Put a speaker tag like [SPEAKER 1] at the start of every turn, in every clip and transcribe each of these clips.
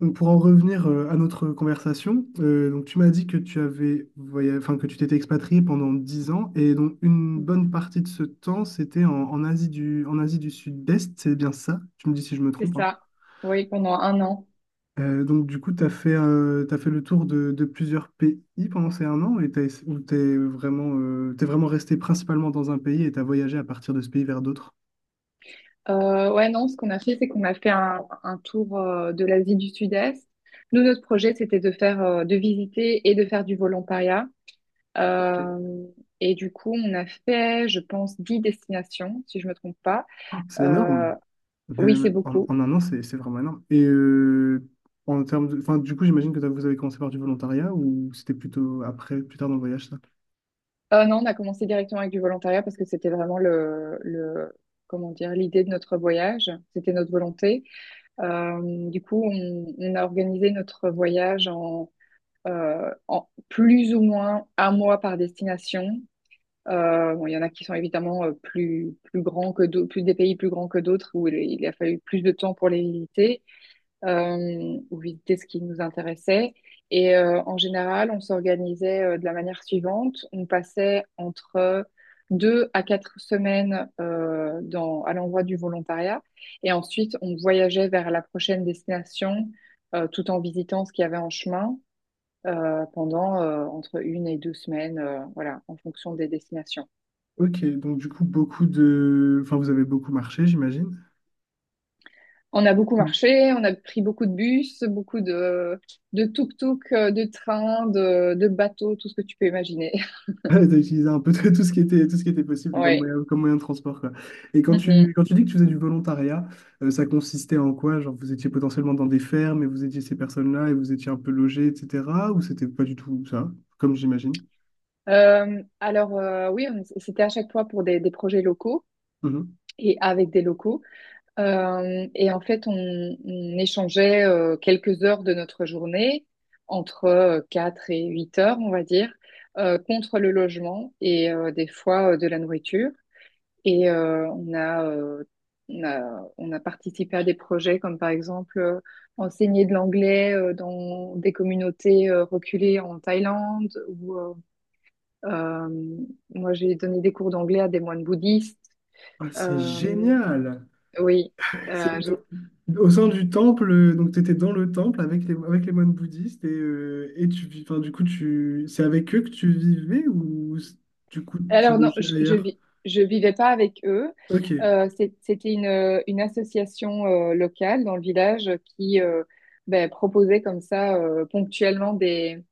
[SPEAKER 1] Donc, pour en revenir à notre conversation, donc tu m'as dit que tu avais enfin, que tu t'étais expatrié pendant 10 ans et donc une bonne
[SPEAKER 2] Mhm.
[SPEAKER 1] partie de ce temps c'était en Asie en Asie du Sud-Est, c'est bien ça? Tu me dis si je me
[SPEAKER 2] C'est
[SPEAKER 1] trompe, hein.
[SPEAKER 2] ça. Oui, pendant un an.
[SPEAKER 1] Donc du coup, tu as fait, t'as fait le tour de plusieurs pays pendant ces un an et ou t'es vraiment resté principalement dans un pays et tu as voyagé à partir de ce pays vers d'autres.
[SPEAKER 2] Ouais, non, ce qu'on a fait, c'est qu'on a fait un tour de l'Asie du Sud-Est. Nous, notre projet, c'était de faire, de visiter et de faire du volontariat.
[SPEAKER 1] Ok.
[SPEAKER 2] Euh, et du coup, on a fait, je pense, 10 destinations, si je me trompe pas.
[SPEAKER 1] Ah, c'est énorme.
[SPEAKER 2] Euh,
[SPEAKER 1] Mais
[SPEAKER 2] oui, c'est beaucoup.
[SPEAKER 1] en un an, c'est vraiment énorme. Et en termes de, enfin, du coup, j'imagine que vous avez commencé par du volontariat ou c'était plutôt après, plus tard dans le voyage, ça?
[SPEAKER 2] Non, on a commencé directement avec du volontariat parce que c'était vraiment le, comment dire, l'idée de notre voyage. C'était notre volonté. Du coup, on a organisé notre voyage en plus ou moins un mois par destination. Bon, il y en a qui sont évidemment plus grands que d'autres, plus des pays plus grands que d'autres où il a fallu plus de temps pour les visiter ou visiter ce qui nous intéressait. Et en général, on s'organisait de la manière suivante. On passait entre deux à quatre semaines dans, à l'endroit du volontariat et ensuite on voyageait vers la prochaine destination tout en visitant ce qu'il y avait en chemin pendant entre une et deux semaines, voilà, en fonction des destinations.
[SPEAKER 1] Ok, donc du coup, beaucoup de, enfin, vous avez beaucoup marché, j'imagine.
[SPEAKER 2] On a beaucoup
[SPEAKER 1] Mm.
[SPEAKER 2] marché, on a pris beaucoup de bus, beaucoup de tuk-tuk, de trains, de bateaux, tout ce que tu peux imaginer.
[SPEAKER 1] T'as utilisé un peu de tout ce qui était, tout ce qui était possible
[SPEAKER 2] Oui.
[SPEAKER 1] comme moyen de transport, quoi. Et
[SPEAKER 2] Mhm.
[SPEAKER 1] quand tu dis que tu faisais du volontariat, ça consistait en quoi? Genre, vous étiez potentiellement dans des fermes et vous étiez ces personnes-là et vous étiez un peu logés, etc. Ou c'était pas du tout ça, comme j'imagine?
[SPEAKER 2] Alors, oui, c'était à chaque fois pour des projets locaux
[SPEAKER 1] Mhm.
[SPEAKER 2] et avec des locaux. Et en fait, on échangeait quelques heures de notre journée, entre 4 et 8 heures, on va dire, contre le logement et des fois de la nourriture. Et on a participé à des projets comme par exemple enseigner de l'anglais dans des communautés reculées en Thaïlande. Ou, euh, moi, j'ai donné des cours d'anglais à des moines bouddhistes.
[SPEAKER 1] Ah, c'est
[SPEAKER 2] Euh,
[SPEAKER 1] génial!
[SPEAKER 2] oui. Euh,
[SPEAKER 1] Au sein du temple, donc tu étais dans le temple avec les moines bouddhistes et tu vis, enfin, du coup, tu, c'est avec eux que tu vivais du coup tu
[SPEAKER 2] Alors non,
[SPEAKER 1] logeais
[SPEAKER 2] je, je
[SPEAKER 1] ailleurs?
[SPEAKER 2] vis, je vivais pas avec eux.
[SPEAKER 1] Ok.
[SPEAKER 2] C'était une association locale dans le village qui ben, proposait comme ça ponctuellement des,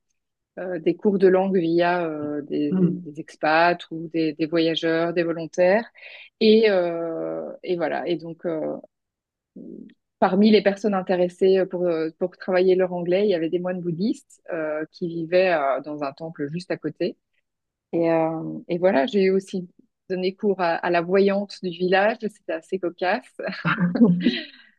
[SPEAKER 2] euh, des cours de langue via des,
[SPEAKER 1] Hmm.
[SPEAKER 2] des expats ou des voyageurs, des volontaires. Et voilà. Et donc parmi les personnes intéressées pour travailler leur anglais, il y avait des moines bouddhistes qui vivaient dans un temple juste à côté. Et voilà, j'ai aussi donné cours à la voyante du village, c'était assez cocasse.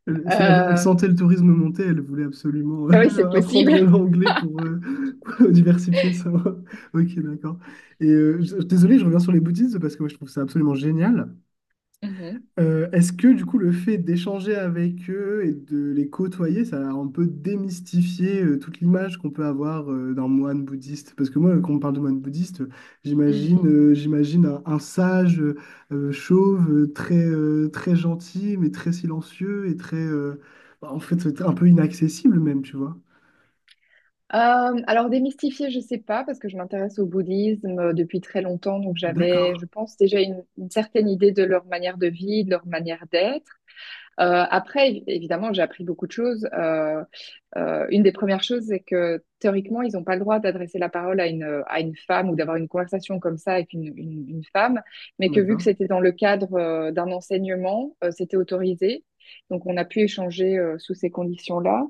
[SPEAKER 1] Elle, elle sentait
[SPEAKER 2] Euh,
[SPEAKER 1] le tourisme monter, elle voulait absolument
[SPEAKER 2] ah oui, c'est possible.
[SPEAKER 1] apprendre l'anglais pour, pour diversifier ça. Ok, d'accord. Et désolé, je reviens sur les bouddhistes parce que moi je trouve ça absolument génial.
[SPEAKER 2] Mhm.
[SPEAKER 1] Est-ce que du coup le fait d'échanger avec eux et de les côtoyer, ça a un peu démystifié toute l'image qu'on peut avoir d'un moine bouddhiste? Parce que moi, quand on parle de moine bouddhiste, j'imagine un sage chauve, très, très gentil, mais très silencieux et très, bah, en fait, un peu inaccessible même, tu vois.
[SPEAKER 2] Alors, démystifier, je sais pas, parce que je m'intéresse au bouddhisme depuis très longtemps, donc j'avais,
[SPEAKER 1] D'accord,
[SPEAKER 2] je pense, déjà une certaine idée de leur manière de vie, de leur manière d'être. Après, évidemment, j'ai appris beaucoup de choses. Une des premières choses, c'est que théoriquement, ils n'ont pas le droit d'adresser la parole à une femme ou d'avoir une conversation comme ça avec une femme, mais que vu que
[SPEAKER 1] d'accord,
[SPEAKER 2] c'était dans le cadre d'un enseignement, c'était autorisé. Donc, on a pu échanger sous ces conditions-là.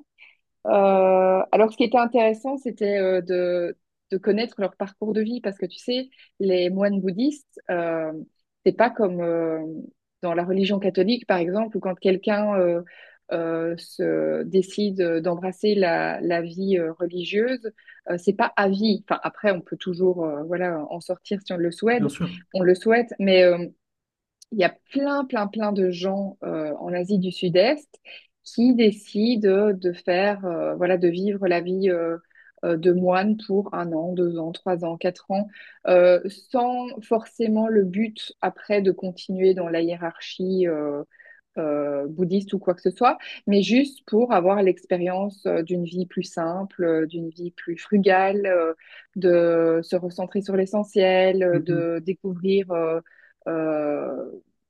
[SPEAKER 2] Alors, ce qui était intéressant, c'était de connaître leur parcours de vie, parce que tu sais, les moines bouddhistes, c'est pas comme dans la religion catholique, par exemple, où quand quelqu'un se décide d'embrasser la vie religieuse, c'est pas à vie. Enfin, après, on peut toujours, voilà, en sortir si on le souhaite,
[SPEAKER 1] bien sûr.
[SPEAKER 2] on le souhaite, mais il y a plein, plein, plein de gens en Asie du Sud-Est qui décident de faire, voilà, de vivre la vie de moine pour un an, deux ans, trois ans, quatre ans, euh, sans forcément le but après de continuer dans la hiérarchie. Bouddhiste ou quoi que ce soit, mais juste pour avoir l'expérience d'une vie plus simple, d'une vie plus frugale, de se recentrer sur l'essentiel,
[SPEAKER 1] Mhm.
[SPEAKER 2] de découvrir euh,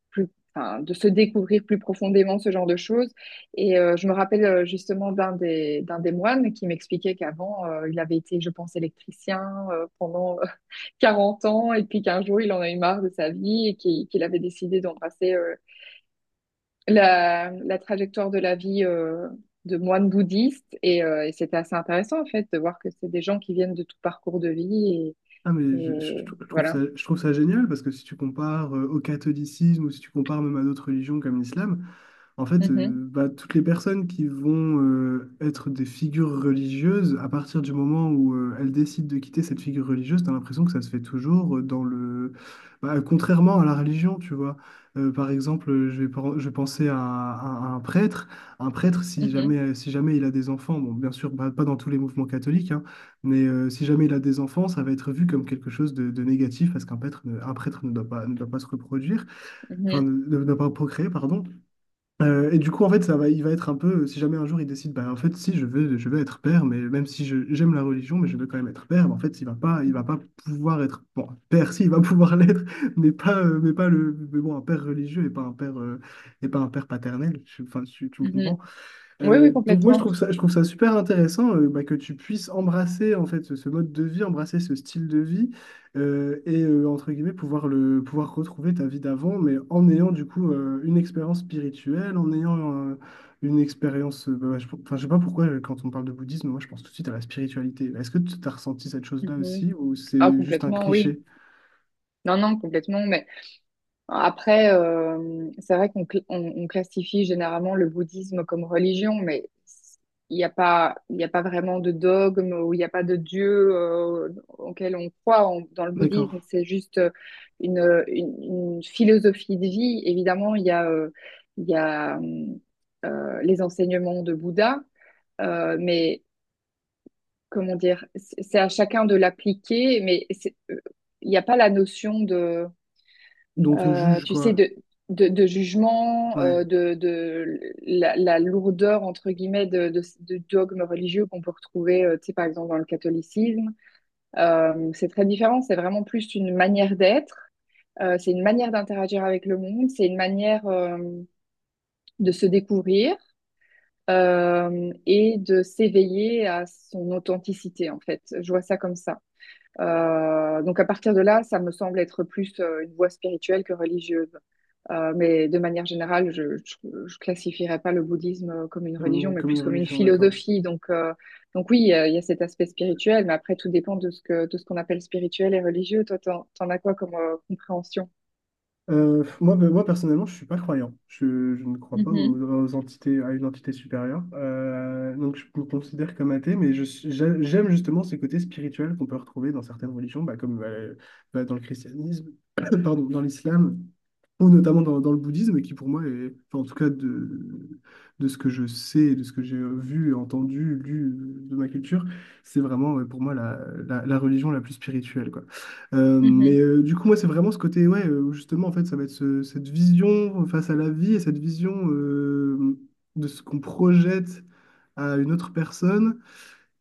[SPEAKER 2] plus, enfin, de se découvrir plus profondément ce genre de choses. Et je me rappelle justement d'un des moines qui m'expliquait qu'avant, il avait été, je pense, électricien pendant 40 ans et puis qu'un jour, il en a eu marre de sa vie et qu'il avait décidé d'embrasser la trajectoire de la vie de moine bouddhiste et c'était assez intéressant en fait de voir que c'est des gens qui viennent de tout parcours de vie
[SPEAKER 1] Ah
[SPEAKER 2] et,
[SPEAKER 1] mais
[SPEAKER 2] et voilà.
[SPEAKER 1] je trouve ça génial parce que si tu compares au catholicisme ou si tu compares même à d'autres religions comme l'islam. En fait,
[SPEAKER 2] Mhm,
[SPEAKER 1] bah, toutes les personnes qui vont être des figures religieuses, à partir du moment où elles décident de quitter cette figure religieuse, t'as l'impression que ça se fait toujours dans le... bah, contrairement à la religion, tu vois. Par exemple, je vais penser à un prêtre. Un prêtre, si jamais,
[SPEAKER 2] mhm,
[SPEAKER 1] si jamais il a des enfants, bon, bien sûr, bah, pas dans tous les mouvements catholiques, hein, mais si jamais il a des enfants, ça va être vu comme quelque chose de négatif parce qu'un prêtre, ne- un prêtre ne doit pas, ne doit pas se reproduire, enfin,
[SPEAKER 2] mhm,
[SPEAKER 1] ne doit pas procréer, pardon. Et du coup, en fait, ça va, il va être un peu, si jamais un jour il décide, bah, en fait, si je veux, je veux être père, mais même si j'aime la religion, mais je veux quand même être père, en fait, il va
[SPEAKER 2] mhm,
[SPEAKER 1] pas pouvoir être, bon, père, si, il va pouvoir l'être, mais pas le, mais bon, un père religieux et pas un père, et pas un père paternel. Enfin, tu me
[SPEAKER 2] mhm.
[SPEAKER 1] comprends?
[SPEAKER 2] Oui, oui,
[SPEAKER 1] Donc moi
[SPEAKER 2] complètement.
[SPEAKER 1] je trouve ça super intéressant bah, que tu puisses embrasser en fait ce mode de vie, embrasser ce style de vie entre guillemets pouvoir le pouvoir retrouver ta vie d'avant, mais en ayant du coup une expérience spirituelle, en ayant une expérience, bah, je, enfin, je sais pas pourquoi quand on parle de bouddhisme, moi je pense tout de suite à la spiritualité. Est-ce que tu as ressenti cette chose-là
[SPEAKER 2] Mhm.
[SPEAKER 1] aussi ou
[SPEAKER 2] Ah,
[SPEAKER 1] c'est juste un
[SPEAKER 2] complètement, oui.
[SPEAKER 1] cliché?
[SPEAKER 2] Non, non, complètement. Mais après, c'est vrai on classifie généralement le bouddhisme comme religion, mais il n'y a pas vraiment de dogme ou il n'y a pas de dieu auquel on croit dans le
[SPEAKER 1] D'accord.
[SPEAKER 2] bouddhisme. C'est juste une, une philosophie de vie. Évidemment, il y a les enseignements de Bouddha, mais comment dire, c'est à chacun de l'appliquer, mais il n'y a pas la notion de
[SPEAKER 1] Dont on te juge
[SPEAKER 2] tu sais,
[SPEAKER 1] quoi?
[SPEAKER 2] de jugement,
[SPEAKER 1] Ouais,
[SPEAKER 2] de la lourdeur, entre guillemets, de dogmes religieux qu'on peut retrouver, tu sais, par exemple, dans le catholicisme. C'est très différent, c'est vraiment plus une manière d'être, c'est une manière d'interagir avec le monde, c'est une manière de se découvrir et de s'éveiller à son authenticité, en fait. Je vois ça comme ça. Donc à partir de là, ça me semble être plus une voie spirituelle que religieuse. Mais de manière générale, je ne classifierais pas le bouddhisme comme une religion, mais
[SPEAKER 1] comme une
[SPEAKER 2] plus comme une
[SPEAKER 1] religion, d'accord.
[SPEAKER 2] philosophie. Donc, oui, il y a cet aspect spirituel, mais après, tout dépend de ce qu'on appelle spirituel et religieux. Toi, t'en as quoi comme compréhension?
[SPEAKER 1] Moi, ben, moi, personnellement, je suis pas croyant. Je ne crois pas
[SPEAKER 2] Mhm,
[SPEAKER 1] aux entités, à une entité supérieure. Donc, je me considère comme athée, mais j'aime justement ce côté spirituel qu'on peut retrouver dans certaines religions, bah, comme bah, dans le christianisme, pardon, dans l'islam ou notamment dans le bouddhisme, qui pour moi est, enfin, en tout cas de ce que je sais, et de ce que j'ai vu, entendu, lu de ma culture, c'est vraiment ouais, pour moi la religion la plus spirituelle, quoi.
[SPEAKER 2] mhm,
[SPEAKER 1] Du coup, moi, c'est vraiment ce côté, ouais, où justement, en fait, ça va être cette vision face à la vie et cette vision de ce qu'on projette à une autre personne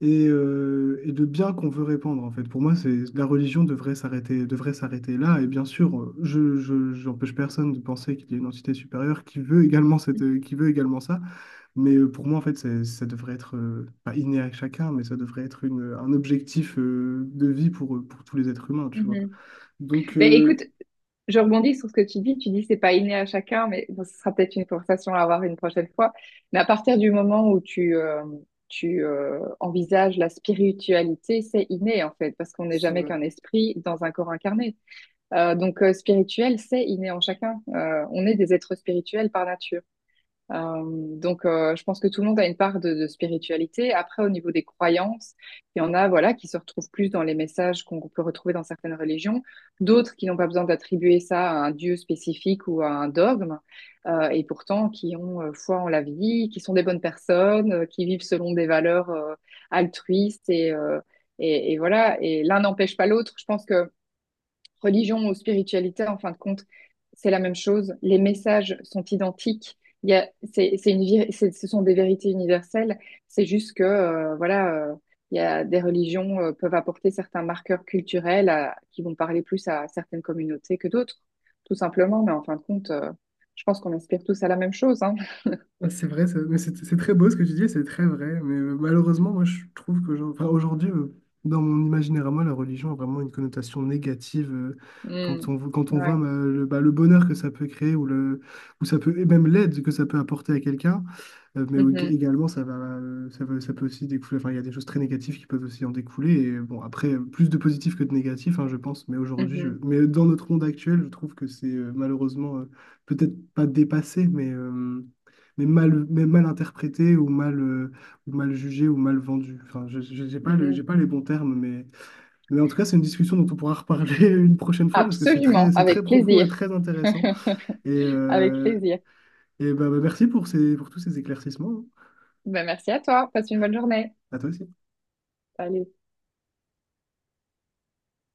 [SPEAKER 1] et de bien qu'on veut répandre en fait. Pour moi, c'est la religion devrait s'arrêter là. Et bien sûr, j'empêche personne de penser qu'il y a une entité supérieure qui veut également cette, qui veut également ça. Mais pour moi, en fait, ça devrait être pas inné à chacun, mais ça devrait être un objectif de vie pour tous les êtres humains,
[SPEAKER 2] mhm,
[SPEAKER 1] tu vois.
[SPEAKER 2] mhm.
[SPEAKER 1] Donc,
[SPEAKER 2] Ben, écoute, je rebondis sur ce que tu dis. Tu dis c'est pas inné à chacun, mais bon, ce sera peut-être une conversation à avoir une prochaine fois. Mais à partir du moment où tu envisages la spiritualité, c'est inné en fait, parce qu'on n'est jamais qu'un esprit dans un corps incarné. Donc spirituel, c'est inné en chacun. On est des êtres spirituels par nature. Donc, je pense que tout le monde a une part de spiritualité. Après, au niveau des croyances, il y en a, voilà, qui se retrouvent plus dans les messages qu'on peut retrouver dans certaines religions, d'autres qui n'ont pas besoin d'attribuer ça à un dieu spécifique ou à un dogme, et pourtant qui ont foi en la vie, qui sont des bonnes personnes, qui vivent selon des valeurs altruistes et voilà. Et l'un n'empêche pas l'autre. Je pense que religion ou spiritualité, en fin de compte, c'est la même chose. Les messages sont identiques. Il y a, c'est une, vir- c'est- ce sont des vérités universelles. C'est juste que, voilà, il y a des religions peuvent apporter certains marqueurs culturels qui vont parler plus à certaines communautés que d'autres, tout simplement. Mais en fin de compte, je pense qu'on aspire tous à la même chose, hein.
[SPEAKER 1] ah, c'est vrai, mais c'est très beau ce que tu dis, c'est très vrai. Mais malheureusement, moi, je trouve qu'aujourd'hui, aujourd'hui, dans mon imaginaire à moi, la religion a vraiment une connotation négative. Quand
[SPEAKER 2] Mm.
[SPEAKER 1] quand on voit
[SPEAKER 2] Ouais.
[SPEAKER 1] bah, le bonheur que ça peut créer ou, le, ou ça peut, et même l'aide que ça peut apporter à quelqu'un, mais
[SPEAKER 2] Mhm.
[SPEAKER 1] également, ça peut aussi découler. Enfin, il y a des choses très négatives qui peuvent aussi en découler. Et bon, après, plus de positifs que de négatifs, hein, je pense. Mais aujourd'hui,
[SPEAKER 2] Mhm.
[SPEAKER 1] mais dans notre monde actuel, je trouve que c'est malheureusement peut-être pas dépassé, mais. Mais mal interprété ou mal jugé ou mal vendu. Enfin, j'ai pas
[SPEAKER 2] Mhm.
[SPEAKER 1] j'ai pas les bons termes, mais en tout cas, c'est une discussion dont on pourra reparler une prochaine fois parce que
[SPEAKER 2] Absolument,
[SPEAKER 1] c'est très
[SPEAKER 2] avec
[SPEAKER 1] profond et
[SPEAKER 2] plaisir.
[SPEAKER 1] très intéressant. Et,
[SPEAKER 2] Avec
[SPEAKER 1] euh,
[SPEAKER 2] plaisir.
[SPEAKER 1] et bah, bah, merci pour ces, pour tous ces éclaircissements, hein.
[SPEAKER 2] Ben, merci à toi. Passe une bonne journée.
[SPEAKER 1] À toi aussi.
[SPEAKER 2] Allez.